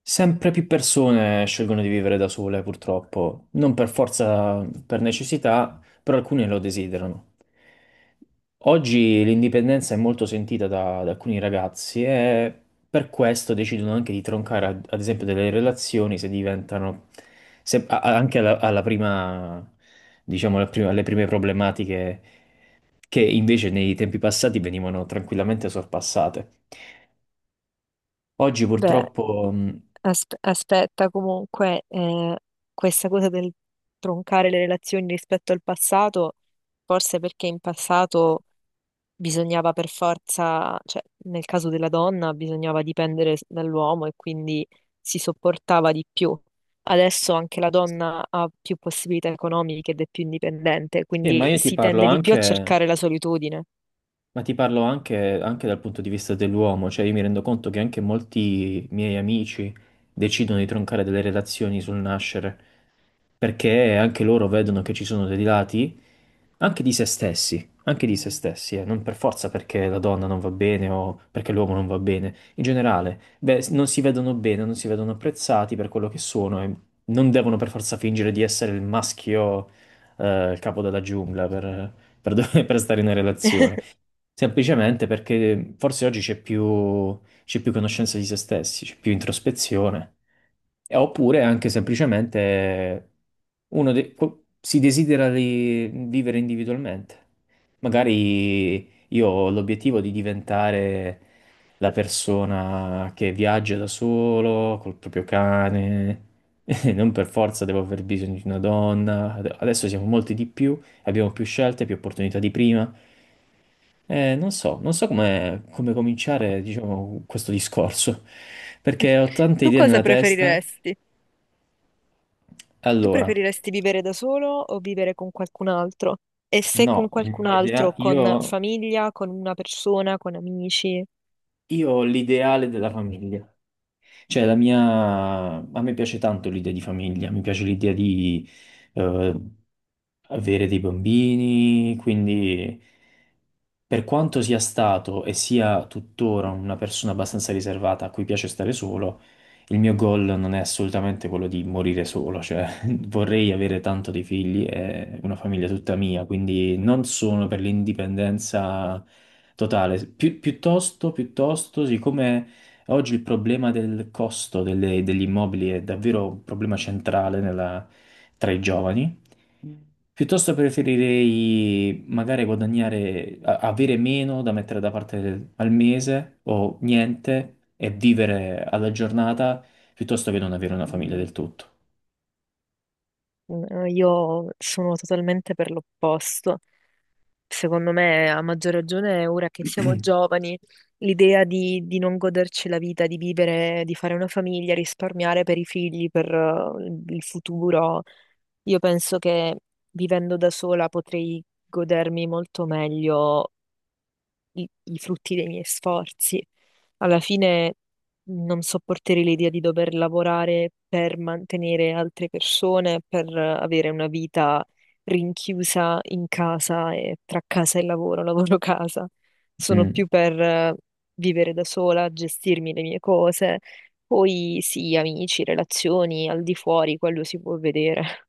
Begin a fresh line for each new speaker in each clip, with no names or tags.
Sempre più persone scelgono di vivere da sole, purtroppo, non per forza, per necessità, però alcune lo desiderano. Oggi l'indipendenza è molto sentita da alcuni ragazzi e per questo decidono anche di troncare, ad esempio, delle relazioni se diventano, anche alla prima, diciamo, alle prime problematiche che invece nei tempi passati venivano tranquillamente sorpassate. Oggi
Beh,
purtroppo.
aspetta comunque, questa cosa del troncare le relazioni rispetto al passato, forse perché in passato bisognava per forza, cioè nel caso della donna bisognava dipendere dall'uomo e quindi si sopportava di più. Adesso anche la donna ha più possibilità economiche ed è più indipendente,
Sì,
quindi si tende di più a cercare la solitudine.
ma ti parlo anche dal punto di vista dell'uomo. Cioè, io mi rendo conto che anche molti miei amici decidono di troncare delle relazioni sul nascere, perché anche loro vedono che ci sono dei lati anche di se stessi, non per forza perché la donna non va bene o perché l'uomo non va bene, in generale. Beh, non si vedono bene, non si vedono apprezzati per quello che sono e non devono per forza fingere di essere il maschio, il capo della giungla per per stare in una relazione. Semplicemente perché forse oggi c'è più conoscenza di se stessi, c'è più introspezione, e oppure anche semplicemente si desidera di vivere individualmente. Magari io ho l'obiettivo di diventare la persona che viaggia da solo, col proprio cane, non per forza devo aver bisogno di una donna, adesso siamo molti di più, abbiamo più scelte, più opportunità di prima. Non so come cominciare, diciamo, questo discorso, perché ho tante
Tu
idee
cosa
nella testa.
preferiresti? Tu
Allora,
preferiresti vivere da solo o vivere con qualcun altro? E se con
no,
qualcun altro, con
io,
famiglia, con una persona, con amici?
io ho l'ideale della famiglia. Cioè, a me piace tanto l'idea di famiglia, mi piace l'idea di eh, avere dei bambini, quindi per quanto sia stato e sia tuttora una persona abbastanza riservata a cui piace stare solo, il mio goal non è assolutamente quello di morire solo, cioè vorrei avere tanto dei figli e una famiglia tutta mia. Quindi non sono per l'indipendenza totale. Piuttosto, siccome oggi il problema del costo degli immobili è davvero un problema centrale tra i giovani, piuttosto preferirei magari guadagnare, avere meno da mettere da parte al mese o niente e vivere alla giornata, piuttosto che non avere una famiglia del tutto.
Io sono totalmente per l'opposto. Secondo me, a maggior ragione, ora che siamo giovani, l'idea di non goderci la vita, di vivere, di fare una famiglia, risparmiare per i figli, per il futuro, io penso che vivendo da sola potrei godermi molto meglio i, i frutti dei miei sforzi. Alla fine non sopporterei l'idea di dover lavorare per mantenere altre persone, per avere una vita rinchiusa in casa e tra casa e lavoro, lavoro-casa. Sono
Mm.
più per vivere da sola, gestirmi le mie cose. Poi sì, amici, relazioni, al di fuori, quello si può vedere.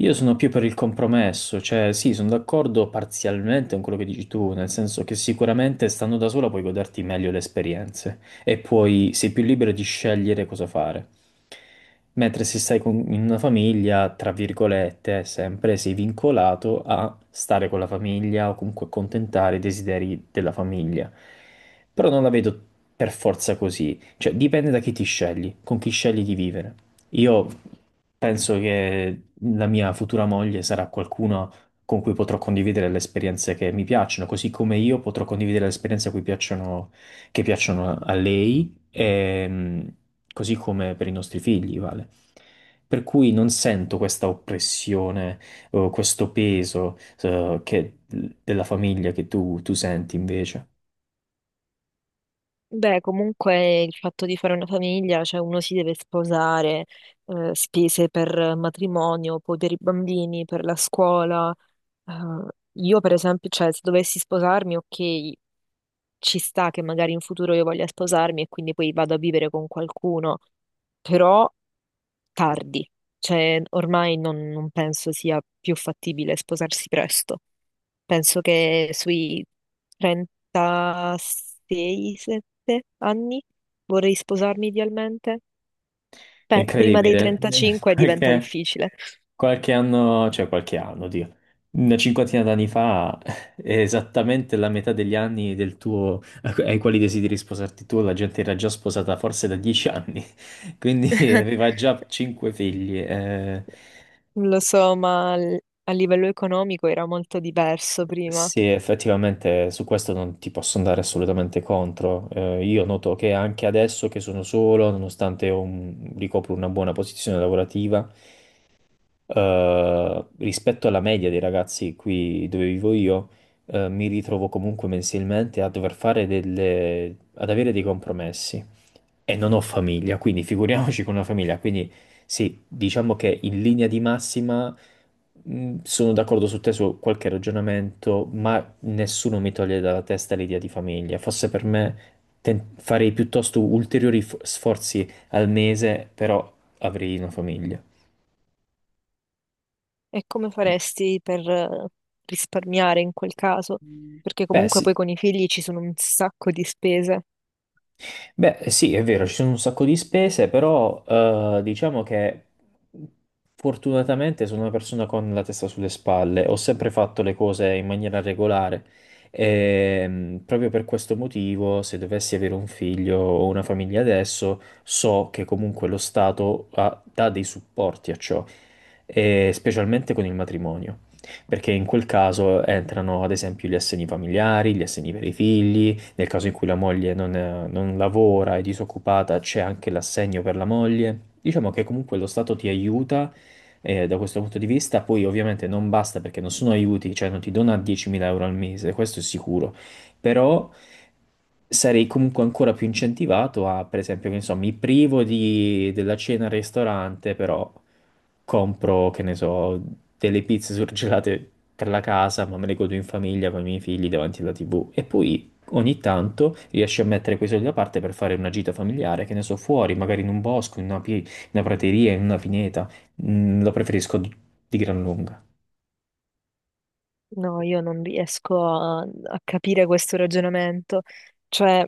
Io sono più per il compromesso. Cioè, sì, sono d'accordo parzialmente con quello che dici tu, nel senso che sicuramente stando da sola puoi goderti meglio le esperienze e puoi, sei più libero di scegliere cosa fare. Mentre se stai in una famiglia, tra virgolette, sempre sei vincolato a stare con la famiglia o comunque accontentare i desideri della famiglia. Però non la vedo per forza così, cioè dipende da chi ti scegli, con chi scegli di vivere. Io penso che la mia futura moglie sarà qualcuno con cui potrò condividere le esperienze che mi piacciono, così come io potrò condividere le esperienze a cui piacciono, che piacciono a lei, e, così come per i nostri figli, vale. Per cui non sento questa oppressione o questo peso, eh, che- della famiglia che tu senti invece.
Beh, comunque il fatto di fare una famiglia, cioè uno si deve sposare, spese per matrimonio, poi per i bambini, per la scuola. Eh, io per esempio, cioè se dovessi sposarmi, ok, ci sta che magari in futuro io voglia sposarmi e quindi poi vado a vivere con qualcuno, però tardi, cioè ormai non penso sia più fattibile sposarsi presto, penso che sui 36-7 anni vorrei sposarmi idealmente.
È
Prima dei
incredibile.
35 diventa difficile.
Qualche anno, cioè qualche anno, Dio, una cinquantina d'anni fa, esattamente la metà degli anni del tuo, ai quali desideri sposarti tu, la gente era già sposata forse da 10 anni, quindi aveva già cinque figli.
Lo so, ma a livello economico era molto diverso prima.
Sì, effettivamente su questo non ti posso andare assolutamente contro. Io noto che anche adesso che sono solo, nonostante ho ricopro una buona posizione lavorativa, rispetto alla media dei ragazzi qui dove vivo io, mi ritrovo comunque mensilmente a dover fare ad avere dei compromessi. E non ho famiglia, quindi figuriamoci con una famiglia. Quindi sì, diciamo che in linea di massima sono d'accordo su te su qualche ragionamento, ma nessuno mi toglie dalla testa l'idea di famiglia. Forse per me farei piuttosto ulteriori sforzi al mese, però avrei una famiglia.
E come faresti per risparmiare in quel caso? Perché
Beh,
comunque poi
sì.
con i figli ci sono un sacco di spese.
Beh, sì, è vero, ci sono un sacco di spese, però diciamo che fortunatamente sono una persona con la testa sulle spalle, ho sempre fatto le cose in maniera regolare e proprio per questo motivo, se dovessi avere un figlio o una famiglia adesso, so che comunque lo Stato dà dei supporti a ciò, e specialmente con il matrimonio. Perché in quel caso entrano ad esempio gli assegni familiari, gli assegni per i figli, nel caso in cui la moglie non lavora, è disoccupata, c'è anche l'assegno per la moglie. Diciamo che comunque lo Stato ti aiuta da questo punto di vista, poi ovviamente non basta perché non sono aiuti, cioè non ti dona 10.000 euro al mese, questo è sicuro. Però sarei comunque ancora più incentivato a, per esempio, che ne so, mi privo della cena al ristorante, però compro, che ne so, delle pizze surgelate per la casa, ma me le godo in famiglia con i miei figli davanti alla TV. E poi ogni tanto riesci a mettere quei soldi da parte per fare una gita familiare, che ne so, fuori, magari in un bosco, in una, in una prateria, in una pineta. Lo preferisco di gran lunga.
No, io non riesco a capire questo ragionamento. Cioè,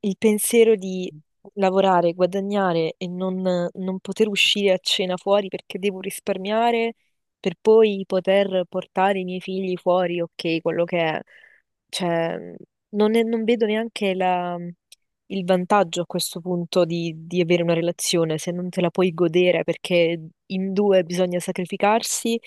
il pensiero di lavorare, guadagnare e non poter uscire a cena fuori perché devo risparmiare per poi poter portare i miei figli fuori, ok, quello che è. Cioè, non vedo neanche il vantaggio a questo punto di, avere una relazione se non te la puoi godere perché in due bisogna sacrificarsi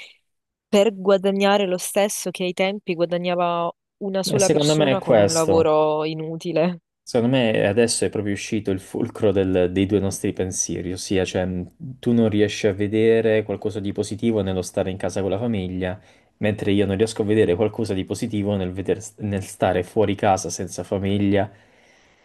per guadagnare lo stesso che ai tempi guadagnava una
E
sola
secondo me è
persona con un
questo.
lavoro inutile.
Secondo me adesso è proprio uscito il fulcro dei due nostri pensieri, ossia, cioè, tu non riesci a vedere qualcosa di positivo nello stare in casa con la famiglia, mentre io non riesco a vedere qualcosa di positivo nel, nel stare fuori casa senza famiglia,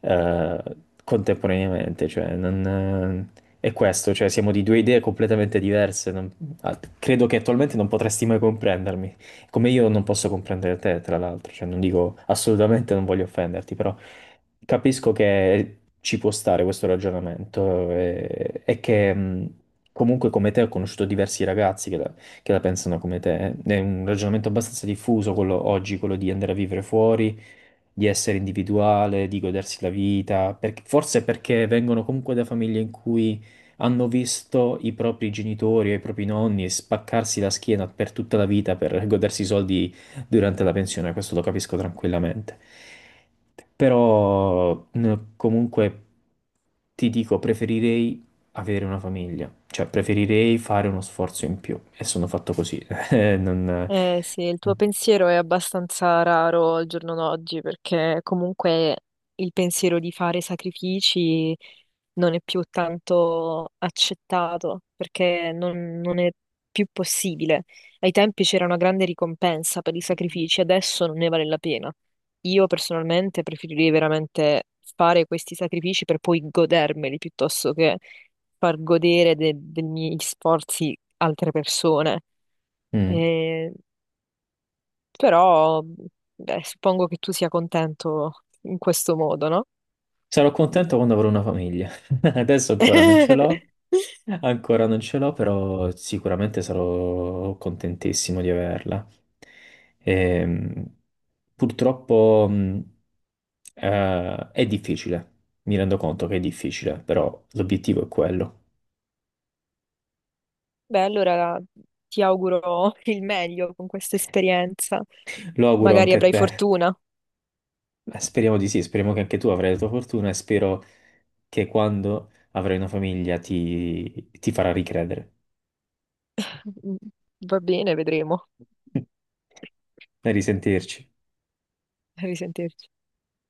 eh, contemporaneamente. Cioè, non, è questo, cioè, siamo di due idee completamente diverse. Credo che attualmente non potresti mai comprendermi, come io non posso comprendere te, tra l'altro. Cioè, non dico, assolutamente non voglio offenderti, però capisco che ci può stare questo ragionamento, che comunque come te ho conosciuto diversi ragazzi che la pensano come te. È un ragionamento abbastanza diffuso quello oggi, quello di andare a vivere fuori, di essere individuale, di godersi la vita, forse perché vengono comunque da famiglie in cui hanno visto i propri genitori o i propri nonni spaccarsi la schiena per tutta la vita per godersi i soldi durante la pensione. Questo lo capisco tranquillamente. Però comunque ti dico, preferirei avere una famiglia, cioè preferirei fare uno sforzo in più, e sono fatto così. Eh, non-
Eh sì, il tuo pensiero è abbastanza raro al giorno d'oggi perché comunque il pensiero di fare sacrifici non è più tanto accettato perché non è più possibile. Ai tempi c'era una grande ricompensa per i sacrifici, adesso non ne vale la pena. Io personalmente preferirei veramente fare questi sacrifici per poi godermeli piuttosto che far godere dei miei sforzi altre persone.
Mm.
Eh, però, beh, suppongo che tu sia contento in questo modo, no?
Sarò contento quando avrò una famiglia. Adesso ancora non ce l'ho, ancora non ce l'ho, però sicuramente sarò contentissimo di averla. Ehm, purtroppo è difficile, mi rendo conto che è difficile, però l'obiettivo è quello.
Beh, allora ti auguro il meglio con questa esperienza.
Lo auguro
Magari
anche a
avrai
te.
fortuna.
Speriamo di sì, speriamo che anche tu avrai la tua fortuna e spero che quando avrai una famiglia ti farà ricredere.
Mm, va bene, vedremo.
A risentirci.
A risentirci.